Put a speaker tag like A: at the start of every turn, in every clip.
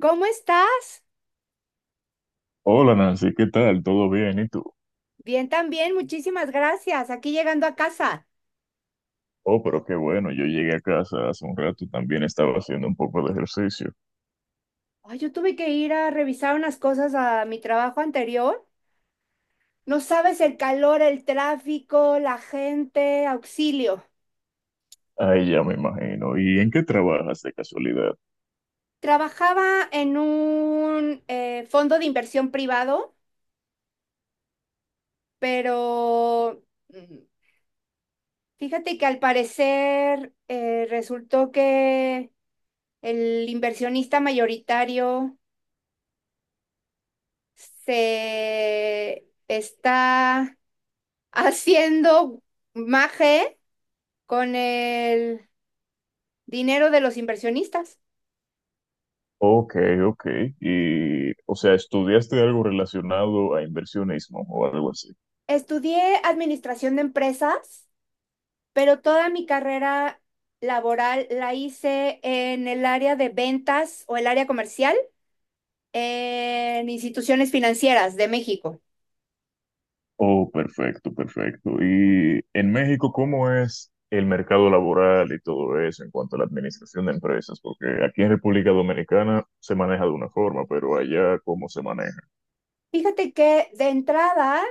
A: ¿Cómo estás?
B: Hola Nancy, ¿qué tal? ¿Todo bien? ¿Y tú?
A: Bien también, muchísimas gracias. Aquí llegando a casa.
B: Oh, pero qué bueno, yo llegué a casa hace un rato, también estaba haciendo un poco de ejercicio.
A: Ay, yo tuve que ir a revisar unas cosas a mi trabajo anterior. No sabes el calor, el tráfico, la gente, auxilio.
B: Ahí ya me imagino. ¿Y en qué trabajas de casualidad?
A: Trabajaba en un fondo de inversión privado, pero mm, fíjate que al parecer resultó que el inversionista mayoritario se está haciendo maje con el dinero de los inversionistas.
B: Ok, ok. Y, o sea, ¿estudiaste algo relacionado a inversionismo o algo así?
A: Estudié administración de empresas, pero toda mi carrera laboral la hice en el área de ventas o el área comercial en instituciones financieras de México.
B: Oh, perfecto, perfecto. ¿Y en México cómo es el mercado laboral y todo eso en cuanto a la administración de empresas? Porque aquí en República Dominicana se maneja de una forma, pero allá ¿cómo se maneja?
A: Fíjate que de entrada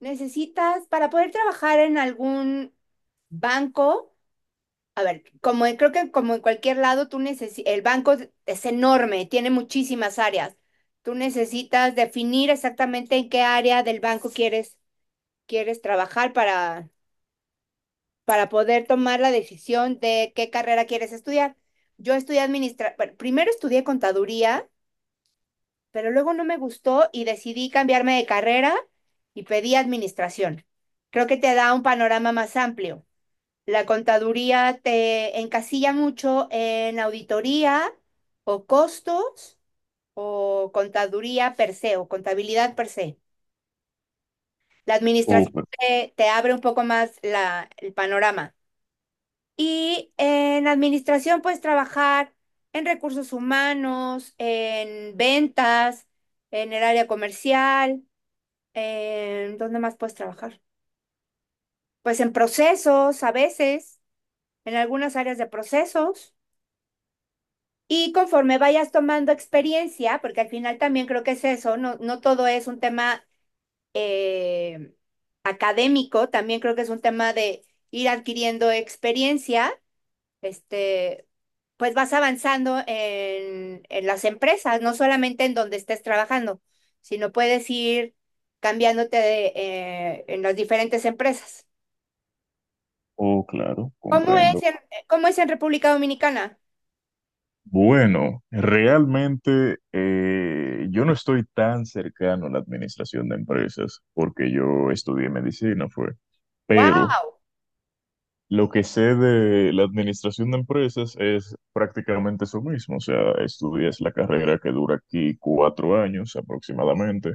A: necesitas, para poder trabajar en algún banco, a ver, creo que como en cualquier lado, el banco es enorme, tiene muchísimas áreas. Tú necesitas definir exactamente en qué área del banco quieres, quieres trabajar para poder tomar la decisión de qué carrera quieres estudiar. Yo bueno, primero estudié contaduría, pero luego no me gustó y decidí cambiarme de carrera y pedí administración. Creo que te da un panorama más amplio. La contaduría te encasilla mucho en auditoría o costos o contaduría per se o contabilidad per se. La
B: Oh,
A: administración te abre un poco más el panorama. Y en administración puedes trabajar en recursos humanos, en ventas, en el área comercial, ¿en dónde más puedes trabajar? Pues en procesos a veces, en algunas áreas de procesos. Y conforme vayas tomando experiencia, porque al final también creo que es eso, no todo es un tema eh, académico, también creo que es un tema de ir adquiriendo experiencia, este, pues vas avanzando en las empresas, no solamente en donde estés trabajando, sino puedes ir cambiándote de, en las diferentes empresas.
B: oh, claro,
A: ¿Cómo es
B: comprendo.
A: en, ¿cómo es en República Dominicana?
B: Bueno, realmente yo no estoy tan cercano a la administración de empresas porque yo estudié medicina, fue.
A: ¡Wow!
B: Pero lo que sé de la administración de empresas es prácticamente eso mismo. O sea, estudias la carrera que dura aquí 4 años aproximadamente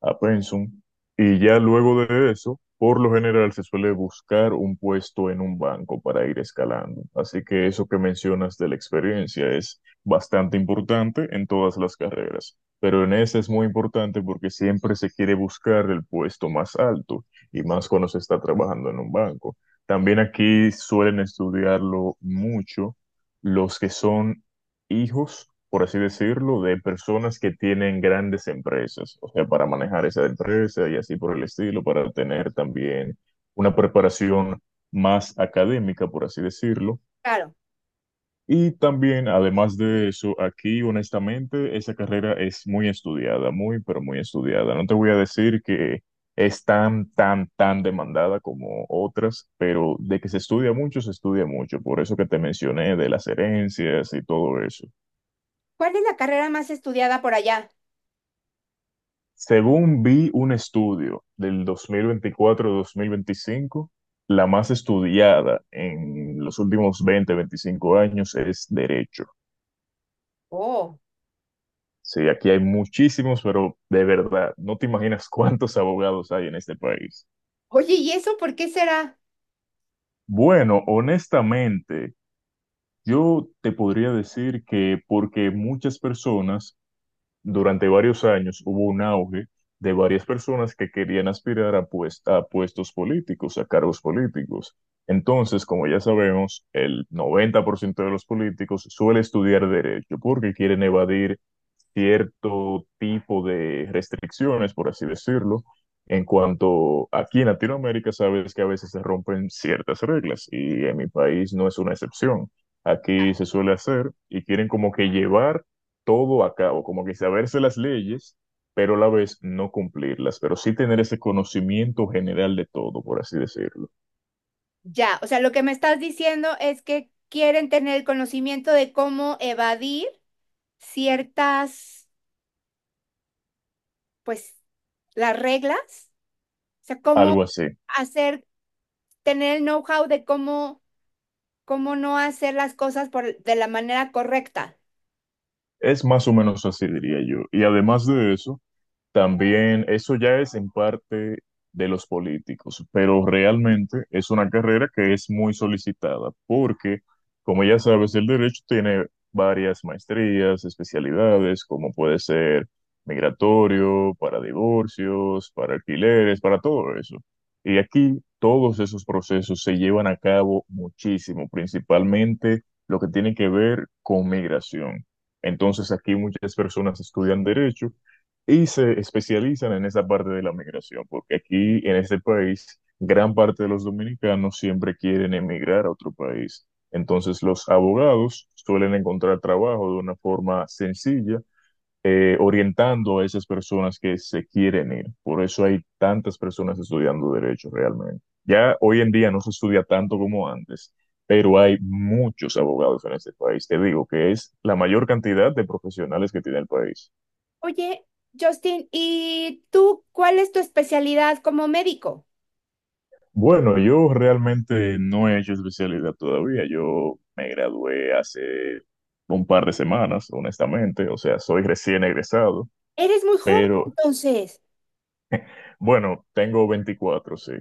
B: a pensum, y ya luego de eso, por lo general se suele buscar un puesto en un banco para ir escalando. Así que eso que mencionas de la experiencia es bastante importante en todas las carreras, pero en esa es muy importante porque siempre se quiere buscar el puesto más alto y más cuando se está trabajando en un banco. También aquí suelen estudiarlo mucho los que son hijos, por así decirlo, de personas que tienen grandes empresas, o sea, para manejar esa empresa y así por el estilo, para tener también una preparación más académica, por así decirlo.
A: Claro.
B: Y también, además de eso, aquí honestamente, esa carrera es muy estudiada, muy, pero muy estudiada. No te voy a decir que es tan, tan, tan demandada como otras, pero de que se estudia mucho, se estudia mucho. Por eso que te mencioné de las herencias y todo eso.
A: ¿Cuál es la carrera más estudiada por allá?
B: Según vi un estudio del 2024, mil veinticinco, la más estudiada en los últimos 20, 25 años es derecho.
A: Oh.
B: Sí, aquí hay muchísimos, pero de verdad, no te imaginas cuántos abogados hay en este país.
A: Oye, ¿y eso por qué será?
B: Bueno, honestamente, yo te podría decir que porque muchas personas durante varios años hubo un auge de varias personas que querían aspirar a puestos políticos, a cargos políticos. Entonces, como ya sabemos, el 90% de los políticos suele estudiar derecho porque quieren evadir cierto tipo de restricciones, por así decirlo, en cuanto aquí en Latinoamérica sabes que a veces se rompen ciertas reglas y en mi país no es una excepción. Aquí se suele hacer y quieren como que llevar todo a cabo, como que saberse las leyes, pero a la vez no cumplirlas, pero sí tener ese conocimiento general de todo, por así decirlo.
A: Ya, o sea, lo que me estás diciendo es que quieren tener el conocimiento de cómo evadir ciertas, pues, las reglas, o sea,
B: Algo así.
A: hacer, tener el know-how de cómo, cómo no hacer las cosas por, de la manera correcta.
B: Es más o menos así, diría yo. Y además de eso, también eso ya es en parte de los políticos, pero realmente es una carrera que es muy solicitada porque, como ya sabes, el derecho tiene varias maestrías, especialidades, como puede ser migratorio, para divorcios, para alquileres, para todo eso. Y aquí todos esos procesos se llevan a cabo muchísimo, principalmente lo que tiene que ver con migración. Entonces aquí muchas personas estudian derecho y se especializan en esa parte de la migración, porque aquí en este país gran parte de los dominicanos siempre quieren emigrar a otro país. Entonces los abogados suelen encontrar trabajo de una forma sencilla, orientando a esas personas que se quieren ir. Por eso hay tantas personas estudiando derecho realmente. Ya hoy en día no se estudia tanto como antes, pero hay muchos abogados en este país. Te digo que es la mayor cantidad de profesionales que tiene el país.
A: Oye, Justin, ¿y tú cuál es tu especialidad como médico?
B: Bueno, yo realmente no he hecho especialidad todavía. Yo me gradué hace un par de semanas, honestamente. O sea, soy recién egresado,
A: Eres muy joven,
B: pero
A: entonces.
B: bueno, tengo 24, sí.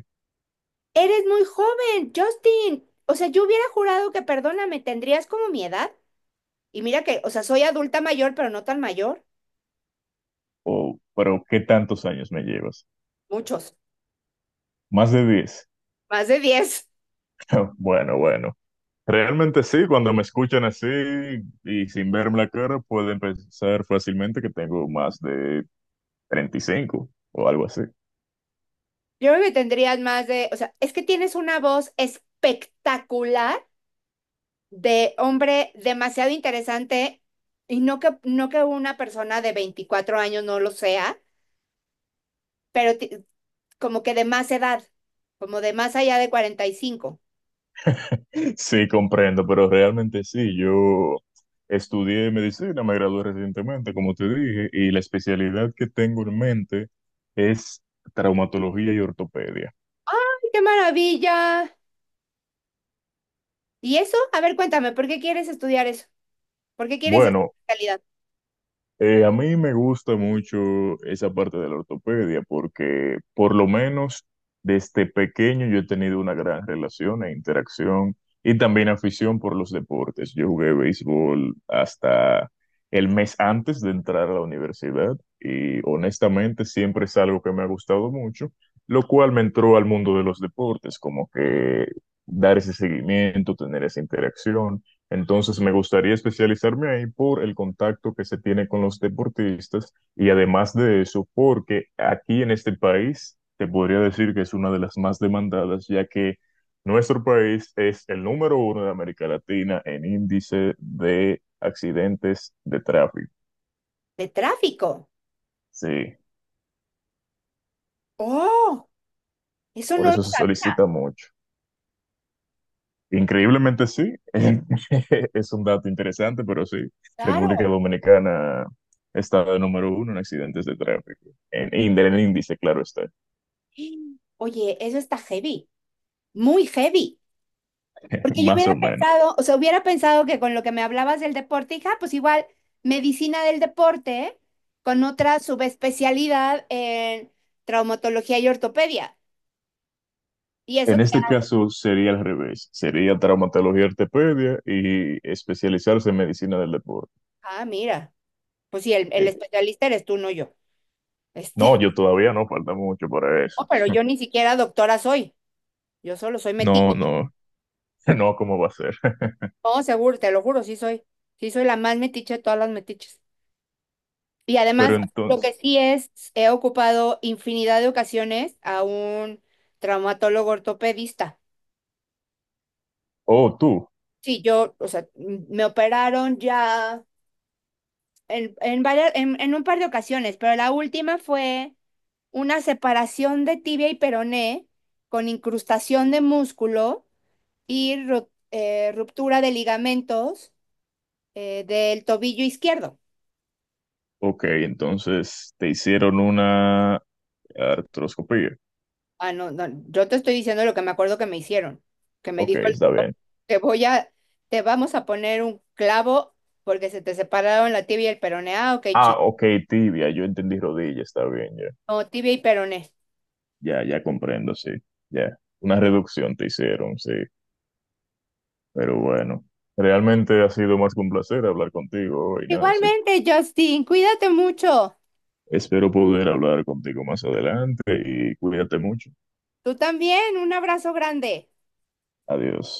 A: Eres muy joven, Justin. O sea, yo hubiera jurado que, perdóname, tendrías como mi edad. Y mira que, o sea, soy adulta mayor, pero no tan mayor.
B: Oh, pero ¿qué tantos años me llevas?
A: Muchos,
B: Más de 10.
A: más de diez.
B: Bueno, bueno. Realmente sí, cuando me escuchan así y sin verme la cara, pueden pensar fácilmente que tengo más de 35 o algo así.
A: Yo creo que tendrías más de, o sea, es que tienes una voz espectacular de hombre demasiado interesante y no que una persona de 24 años no lo sea, pero ti- como que de más edad, como de más allá de 45.
B: Sí, comprendo, pero realmente sí. Yo estudié medicina, me gradué recientemente, como te dije, y la especialidad que tengo en mente es traumatología y ortopedia.
A: ¡Ay, ¡Qué maravilla! ¿Y eso? A ver, cuéntame, ¿por qué quieres estudiar eso? ¿Por qué quieres esa
B: Bueno,
A: calidad?
B: A mí me gusta mucho esa parte de la ortopedia porque por lo menos desde pequeño yo he tenido una gran relación e interacción y también afición por los deportes. Yo jugué béisbol hasta el mes antes de entrar a la universidad y honestamente siempre es algo que me ha gustado mucho, lo cual me entró al mundo de los deportes, como que dar ese seguimiento, tener esa interacción. Entonces, me gustaría especializarme ahí por el contacto que se tiene con los deportistas y además de eso, porque aquí en este país te podría decir que es una de las más demandadas, ya que nuestro país es el número uno de América Latina en índice de accidentes de tráfico.
A: De tráfico.
B: Sí,
A: Oh, eso
B: por
A: no lo
B: eso se
A: sabía.
B: solicita mucho. Increíblemente sí, es un dato interesante, pero sí, República
A: Claro.
B: Dominicana está de número uno en accidentes de tráfico, en el índice, claro está,
A: Oye, eso está heavy, muy heavy. Porque yo
B: más
A: hubiera
B: o menos.
A: pensado, o sea, hubiera pensado que con lo que me hablabas del deporte, hija, pues igual medicina del deporte con otra subespecialidad en traumatología y ortopedia. Y eso
B: En
A: te,
B: este caso sería al revés, sería traumatología y ortopedia y especializarse en medicina del deporte.
A: ah, mira, pues sí, el
B: Eh,
A: especialista eres tú, no yo.
B: No,
A: Este,
B: yo todavía no, falta mucho para eso.
A: no, pero yo ni siquiera doctora soy. Yo solo soy
B: No,
A: metiche.
B: no, no, ¿cómo va a ser?
A: No, seguro, te lo juro, sí soy. Sí soy la más metiche de todas las metiches. Y además,
B: Pero
A: lo que
B: entonces,
A: sí es, he ocupado infinidad de ocasiones a un traumatólogo ortopedista.
B: oh, tú,
A: Sí, yo, o sea, me operaron ya en un par de ocasiones, pero la última fue una separación de tibia y peroné con incrustación de músculo y ruptura de ligamentos del tobillo izquierdo.
B: ok, entonces te hicieron una artroscopía.
A: Ah, no, no, yo te estoy diciendo lo que me acuerdo que me hicieron, que me
B: Ok,
A: dijo el
B: está
A: doctor,
B: bien.
A: te voy a, te vamos a poner un clavo porque se te separaron la tibia y el peroné. Ah, ok,
B: Ah,
A: chico.
B: ok, tibia, yo entendí rodilla, está bien, ya.
A: No, tibia y peroné.
B: Ya, ya comprendo, sí. Ya. Una reducción te hicieron, sí. Pero bueno, realmente ha sido más que un placer hablar contigo hoy, Nancy.
A: Igualmente, Justin, cuídate mucho.
B: Espero poder hablar contigo más adelante y cuídate mucho.
A: Tú también, un abrazo grande.
B: Adiós.